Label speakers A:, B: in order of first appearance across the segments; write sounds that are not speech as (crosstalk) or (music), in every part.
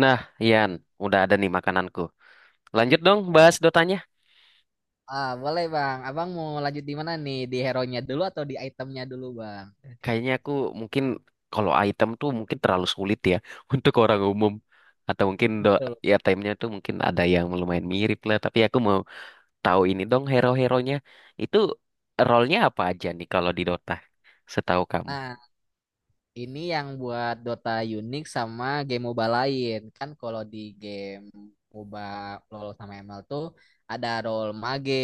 A: Nah, Ian, udah ada nih makananku. Lanjut dong bahas
B: Wah.
A: dotanya.
B: Ah, boleh Bang. Abang mau lanjut di mana nih? Di hero-nya dulu atau di itemnya dulu Bang?
A: Kayaknya aku mungkin kalau item tuh mungkin terlalu sulit ya (laughs) untuk orang umum. Atau mungkin do
B: Dulu.
A: ya timenya tuh mungkin ada yang lumayan mirip lah. Tapi aku mau tahu ini dong hero-heronya. Itu role-nya apa aja nih kalau di Dota? Setahu kamu.
B: Nah, ini yang buat Dota unik sama game MOBA lain. Kan kalau di game MOBA LoL sama ML tuh ada role mage,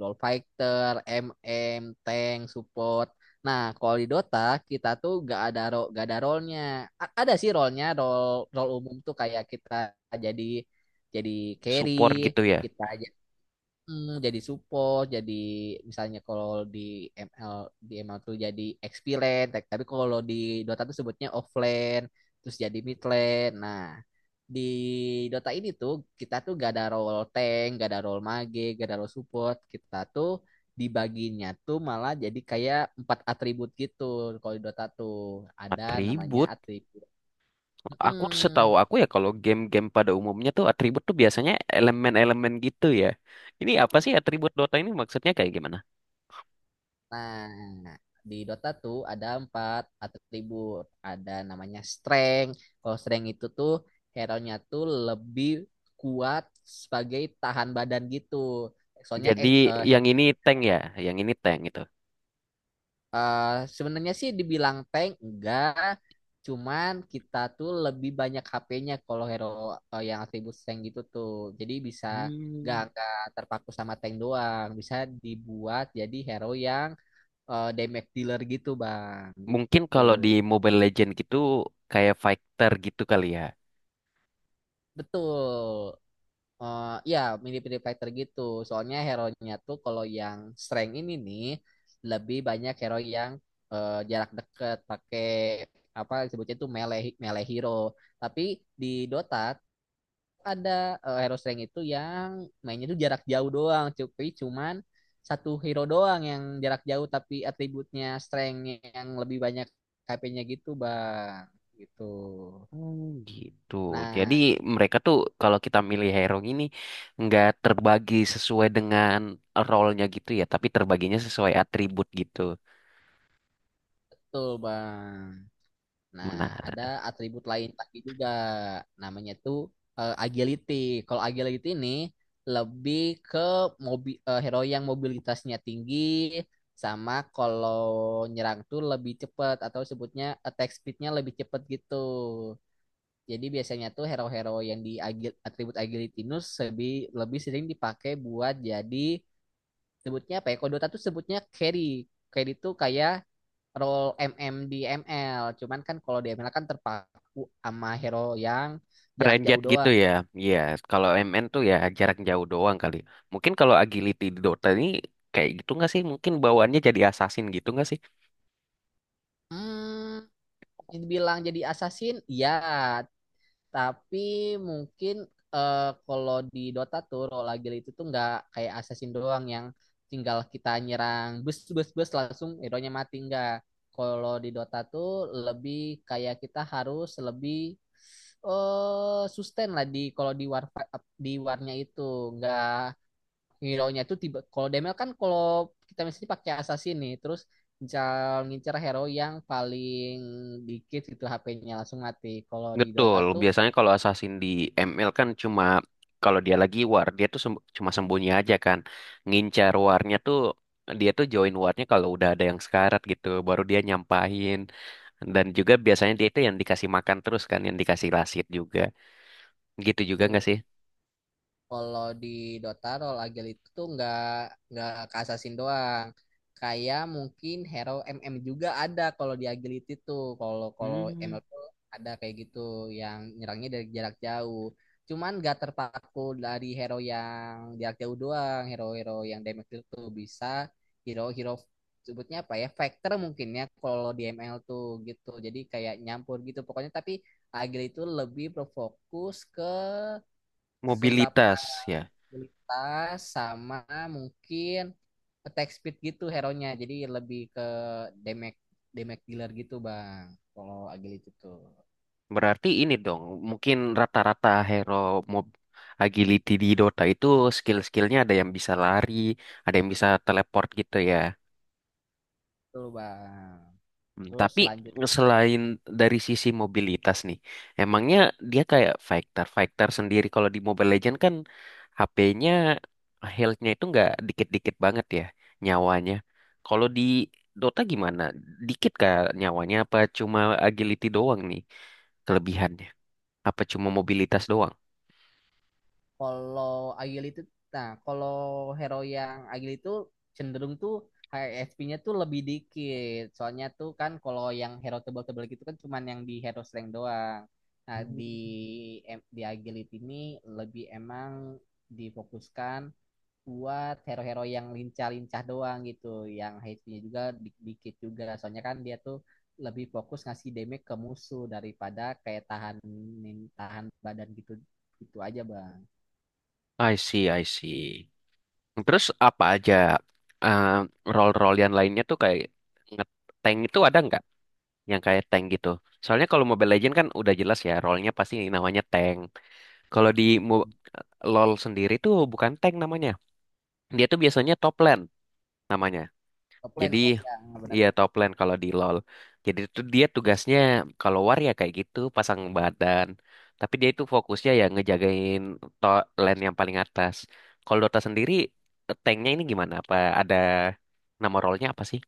B: role fighter, MM, tank, support. Nah, kalau di Dota kita tuh gak ada role-nya. Ada sih role-nya, role role umum tuh kayak kita jadi jadi carry,
A: Support gitu ya.
B: kita jadi support, jadi misalnya kalau di ML tuh jadi XP lane, tapi kalau di Dota tuh sebutnya offlane, terus jadi mid lane. Nah, di Dota ini tuh kita tuh gak ada role tank, gak ada role mage, gak ada role support. Kita tuh dibaginya tuh malah jadi kayak empat atribut gitu, kalau di Dota tuh ada namanya
A: Atribut.
B: atribut.
A: Aku setahu
B: Mm-mm.
A: aku ya kalau game-game pada umumnya tuh atribut tuh biasanya elemen-elemen gitu ya. Ini apa sih atribut Dota ini maksudnya kayak gimana?
B: Nah, di Dota tuh ada empat atribut. Ada namanya strength. Kalau strength itu tuh hero-nya tuh lebih kuat sebagai tahan badan gitu. Soalnya
A: Jadi yang ini tank ya, yang ini tank gitu.
B: eh, sebenarnya sih dibilang tank enggak, cuman kita tuh lebih banyak HP-nya kalau hero yang atribut strength gitu tuh. Jadi bisa
A: Hmm.
B: gak terpaku sama tank doang, bisa dibuat jadi hero yang damage dealer gitu bang
A: Mungkin
B: gitu
A: kalau di Mobile Legend gitu kayak fighter gitu kali ya.
B: betul. Ya, mirip-mirip fighter gitu, soalnya hero-nya tuh kalau yang strength ini nih lebih banyak hero yang jarak dekat, pakai apa sebutnya itu, melee melee hero. Tapi di Dota ada hero strength itu yang mainnya tuh jarak jauh doang, tapi cuman satu hero doang yang jarak jauh tapi atributnya strength, yang lebih banyak HP-nya gitu bang gitu.
A: Oh gitu. Jadi
B: Nah,
A: mereka tuh kalau kita milih hero ini nggak terbagi sesuai dengan role-nya gitu ya, tapi terbaginya sesuai atribut gitu.
B: betul Bang. Nah, ada
A: Menarik.
B: atribut lain lagi juga. Namanya tuh agility. Kalau agility ini lebih ke hero yang mobilitasnya tinggi, sama kalau nyerang tuh lebih cepat atau sebutnya attack speednya lebih cepat gitu. Jadi biasanya tuh hero-hero yang di atribut agility ini lebih lebih sering dipakai buat jadi sebutnya apa ya? Kalau Dota tuh sebutnya carry. Carry itu kayak role MM di ML. Cuman kan kalau di ML kan terpaku sama hero yang jarak
A: Ranged
B: jauh
A: gitu
B: doang.
A: ya. Iya, kalau MN tuh ya jarak jauh doang kali. Mungkin kalau agility di Dota ini kayak gitu nggak sih? Mungkin bawaannya jadi assassin gitu nggak sih?
B: Hmm, Bilang jadi assassin, ya. Tapi mungkin eh, kalau di Dota tuh role agile itu tuh nggak kayak assassin doang yang tinggal kita nyerang bus bus bus langsung hero-nya mati nggak. Kalau di Dota tuh lebih kayak kita harus lebih eh sustain lah di kalau di war, di warnya itu, nggak, hero-nya itu tiba, kalau DML kan kalau kita misalnya pakai assassin nih terus ngincar ngincar hero yang paling dikit gitu HP-nya langsung mati.
A: Betul, biasanya kalau assassin di ML kan cuma kalau dia lagi war, dia tuh sem- cuma sembunyi aja kan. Ngincar warnya tuh dia tuh join warnya kalau udah ada yang sekarat gitu, baru dia nyampahin. Dan juga biasanya dia itu yang dikasih makan terus kan, yang dikasih lasit juga. Gitu juga nggak sih?
B: Kalau di Dota role agile itu tuh nggak ke assassin doang. Kayak mungkin hero MM juga ada kalau di agility tuh. Kalau kalau
A: Hmm,
B: ML tuh ada kayak gitu yang nyerangnya dari jarak jauh. Cuman nggak terpaku dari hero yang jarak jauh doang. Hero-hero yang damage itu bisa hero-hero, sebutnya apa ya, factor mungkin ya kalau di ML tuh gitu, jadi kayak nyampur gitu pokoknya. Tapi agility itu lebih berfokus ke seberapa
A: mobilitas ya.
B: tas sama mungkin attack speed gitu hero-nya. Jadi lebih ke damage damage dealer gitu, Bang. Kalau agility tuh.
A: Berarti ini dong, mungkin rata-rata hero mob agility di Dota itu skill-skillnya ada yang bisa lari, ada yang bisa teleport gitu ya.
B: Betul, Bang.
A: Hmm,
B: Terus
A: tapi
B: selanjut
A: selain dari sisi mobilitas nih, emangnya dia kayak fighter fighter sendiri kalau di Mobile Legends kan HP-nya health-nya itu nggak dikit-dikit banget ya nyawanya. Kalau di Dota gimana? Dikit kah nyawanya apa cuma agility doang nih kelebihannya? Apa cuma mobilitas doang?
B: kalau agility nah, Kalau hero yang agility itu cenderung tuh HP-nya tuh lebih dikit. Soalnya tuh kan kalau yang hero tebal-tebal gitu kan cuman yang di hero slang doang. Nah, di
A: Hmm.
B: di agility ini lebih emang difokuskan buat hero-hero yang lincah-lincah doang gitu, yang HP-nya juga dikit juga. Soalnya kan dia tuh lebih fokus ngasih damage ke musuh daripada kayak tahan tahan badan gitu gitu aja, Bang.
A: I see, I see. Terus apa aja eh, role-role yang lainnya tuh kayak nge-tank itu ada nggak? Yang kayak tank gitu. Soalnya kalau Mobile Legends kan udah jelas ya, role-nya pasti namanya tank. Kalau di Mo- LoL sendiri tuh bukan tank namanya. Dia tuh biasanya top lane namanya.
B: Top lane,
A: Jadi
B: oh ya, benar.
A: iya top lane kalau di LoL. Jadi tuh dia tugasnya kalau war ya kayak gitu, pasang badan. Tapi dia itu fokusnya ya ngejagain top lane yang paling atas. Kalau Dota sendiri tanknya ini gimana? Apa ada nama role-nya apa sih?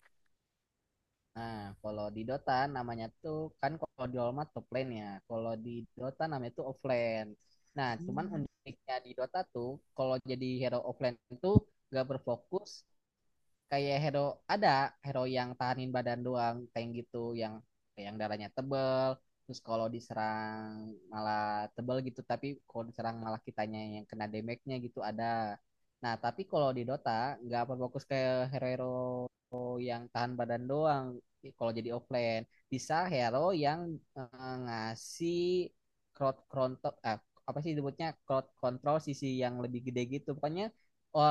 B: Nah, kalau di Dota namanya tuh, kan kalau di All Might top lane ya, kalau di Dota namanya tuh offlane. Nah, cuman uniknya di Dota tuh kalau jadi hero offlane itu gak berfokus kayak hero, ada hero yang tahanin badan doang, tank gitu, yang darahnya tebel, terus kalau diserang malah tebel gitu, tapi kalau diserang malah kitanya yang kena damage-nya gitu ada. Nah, tapi kalau di Dota nggak berfokus kayak hero-hero yang tahan badan doang kalau jadi offlane. Bisa hero yang ngasih crowd control, apa sih disebutnya, crowd control sisi yang lebih gede gitu pokoknya.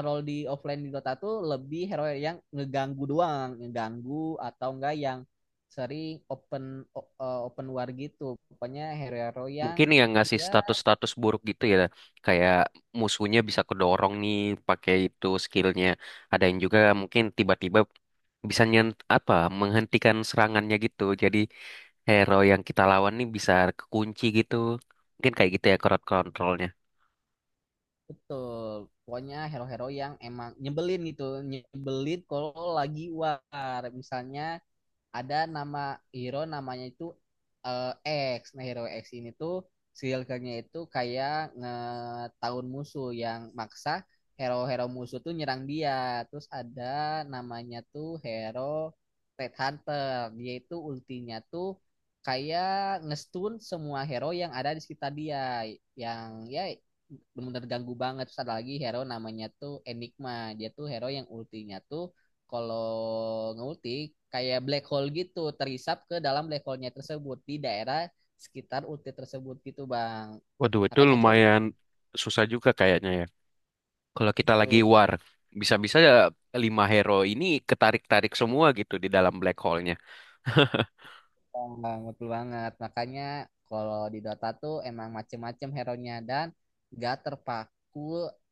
B: Role di offline di Dota tuh lebih hero yang ngeganggu doang, ngeganggu, atau enggak yang sering open open war gitu. Pokoknya hero-hero yang,
A: Mungkin yang ngasih
B: ya
A: status-status buruk gitu ya, kayak musuhnya bisa kedorong nih pakai itu skillnya, ada yang juga mungkin tiba-tiba bisa nyent apa menghentikan serangannya gitu, jadi hero yang kita lawan nih bisa kekunci gitu, mungkin kayak gitu ya crowd controlnya.
B: betul. Pokoknya hero-hero yang emang nyebelin gitu, nyebelin kalau lagi war. Misalnya ada nama hero, namanya itu X. Nah, hero X ini tuh si nya itu kayak ngetahun musuh, yang maksa hero-hero musuh tuh nyerang dia. Terus ada namanya tuh hero Red Hunter. Dia itu ultinya tuh kayak ngestun semua hero yang ada di sekitar dia, yang ya benar-benar ganggu banget. Terus ada lagi hero namanya tuh Enigma. Dia tuh hero yang ultinya tuh kalau ngulti kayak black hole gitu, terisap ke dalam black hole-nya tersebut di daerah sekitar ulti tersebut gitu bang,
A: Waduh, itu
B: makanya tuh
A: lumayan susah juga kayaknya ya, kalau kita lagi
B: tuh.
A: war bisa-bisa ya lima hero ini ketarik-tarik semua gitu di dalam black hole-nya. (laughs)
B: Bang, betul banget. Makanya kalau di Dota tuh emang macem-macem hero-nya, dan gak terpaku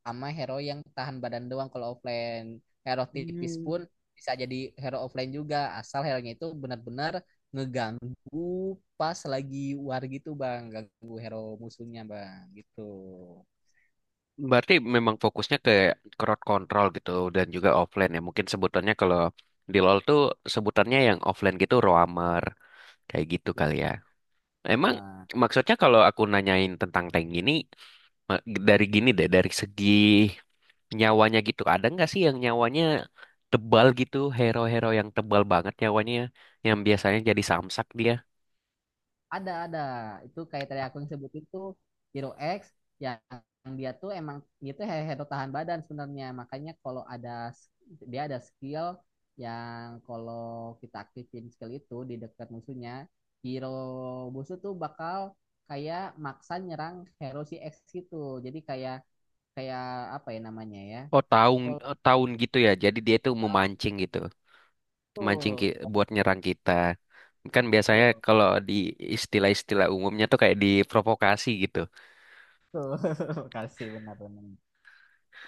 B: sama hero yang tahan badan doang kalau offline. Hero tipis
A: Hmm.
B: pun bisa jadi hero offline juga, asal hero-nya itu benar-benar ngeganggu pas lagi war gitu, Bang. Ganggu hero musuhnya, Bang. Gitu,
A: Berarti memang fokusnya ke crowd control gitu dan juga offline ya. Mungkin sebutannya kalau di LoL tuh sebutannya yang offline gitu roamer kayak gitu kali ya. Emang
B: Bang.
A: maksudnya kalau aku nanyain tentang tank ini ma- dari gini deh, dari segi nyawanya gitu ada nggak sih yang nyawanya tebal gitu, hero-hero yang tebal banget nyawanya yang biasanya jadi samsak dia.
B: Ada, ada. Itu kayak tadi aku yang sebutin tuh, Hero X, yang dia tuh emang, dia tuh hero tahan badan sebenarnya. Makanya kalau ada s- dia ada skill, yang kalau kita aktifin skill itu di dekat musuhnya, hero musuh tuh bakal kayak maksa nyerang hero si X gitu. Jadi kayak kayak apa ya namanya ya?
A: Oh tahun
B: Kalau
A: tahun gitu ya. Jadi dia tuh memancing gitu, mancing
B: tuh,
A: ki- buat nyerang kita. Kan biasanya
B: tuh,
A: kalau di istilah-istilah umumnya tuh kayak diprovokasi gitu.
B: tuh. (laughs) Makasih benar-benar.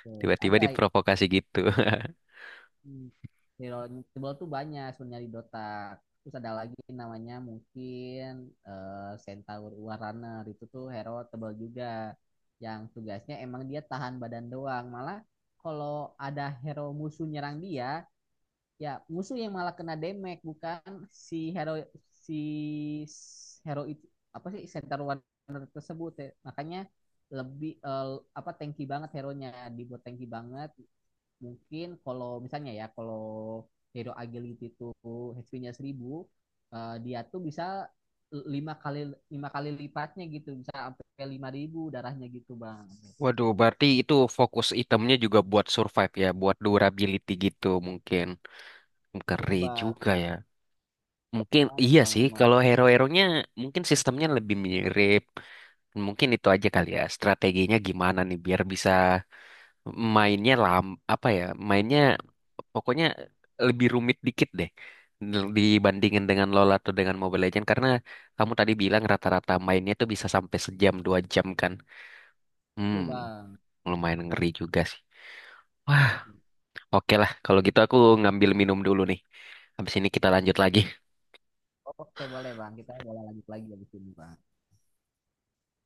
B: Tuh,
A: Tiba-tiba
B: ada.
A: diprovokasi gitu.
B: Hmm. Hero Invisible tuh banyak sebenarnya di Dota. Terus ada lagi namanya mungkin Centaur War Runner, itu tuh hero tebal juga. Yang tugasnya emang dia tahan badan doang. Malah kalau ada hero musuh nyerang dia, ya musuh yang malah kena damage, bukan si hero si s- hero itu, apa sih, Centaur War Runner tersebut. Ya. Makanya lebih apa, tanky banget hero-nya, dibuat tanky banget. Mungkin kalau misalnya ya, kalau hero agility itu HP-nya 1.000, dia tuh bisa lima kali, lipatnya gitu, bisa sampai 5.000 darahnya gitu bang.
A: (laughs) Waduh, berarti itu fokus itemnya juga buat survive ya, buat durability gitu mungkin.
B: Betul
A: Keren
B: bang,
A: juga ya. Mungkin
B: banget
A: iya
B: bang,
A: sih,
B: emang.
A: kalau hero-heronya mungkin sistemnya lebih mirip. Mungkin itu aja kali ya, strateginya gimana nih biar bisa mainnya lam apa ya mainnya pokoknya lebih rumit dikit deh dibandingin dengan Lola atau dengan Mobile Legends karena kamu tadi bilang rata-rata mainnya tuh bisa sampai sejam dua jam kan. Hmm,
B: Betul bang.
A: lumayan ngeri juga sih. Wah, oke lah kalau gitu aku ngambil minum dulu nih, habis ini kita lanjut lagi.
B: Oke, boleh bang, kita boleh lanjut lagi di sini bang.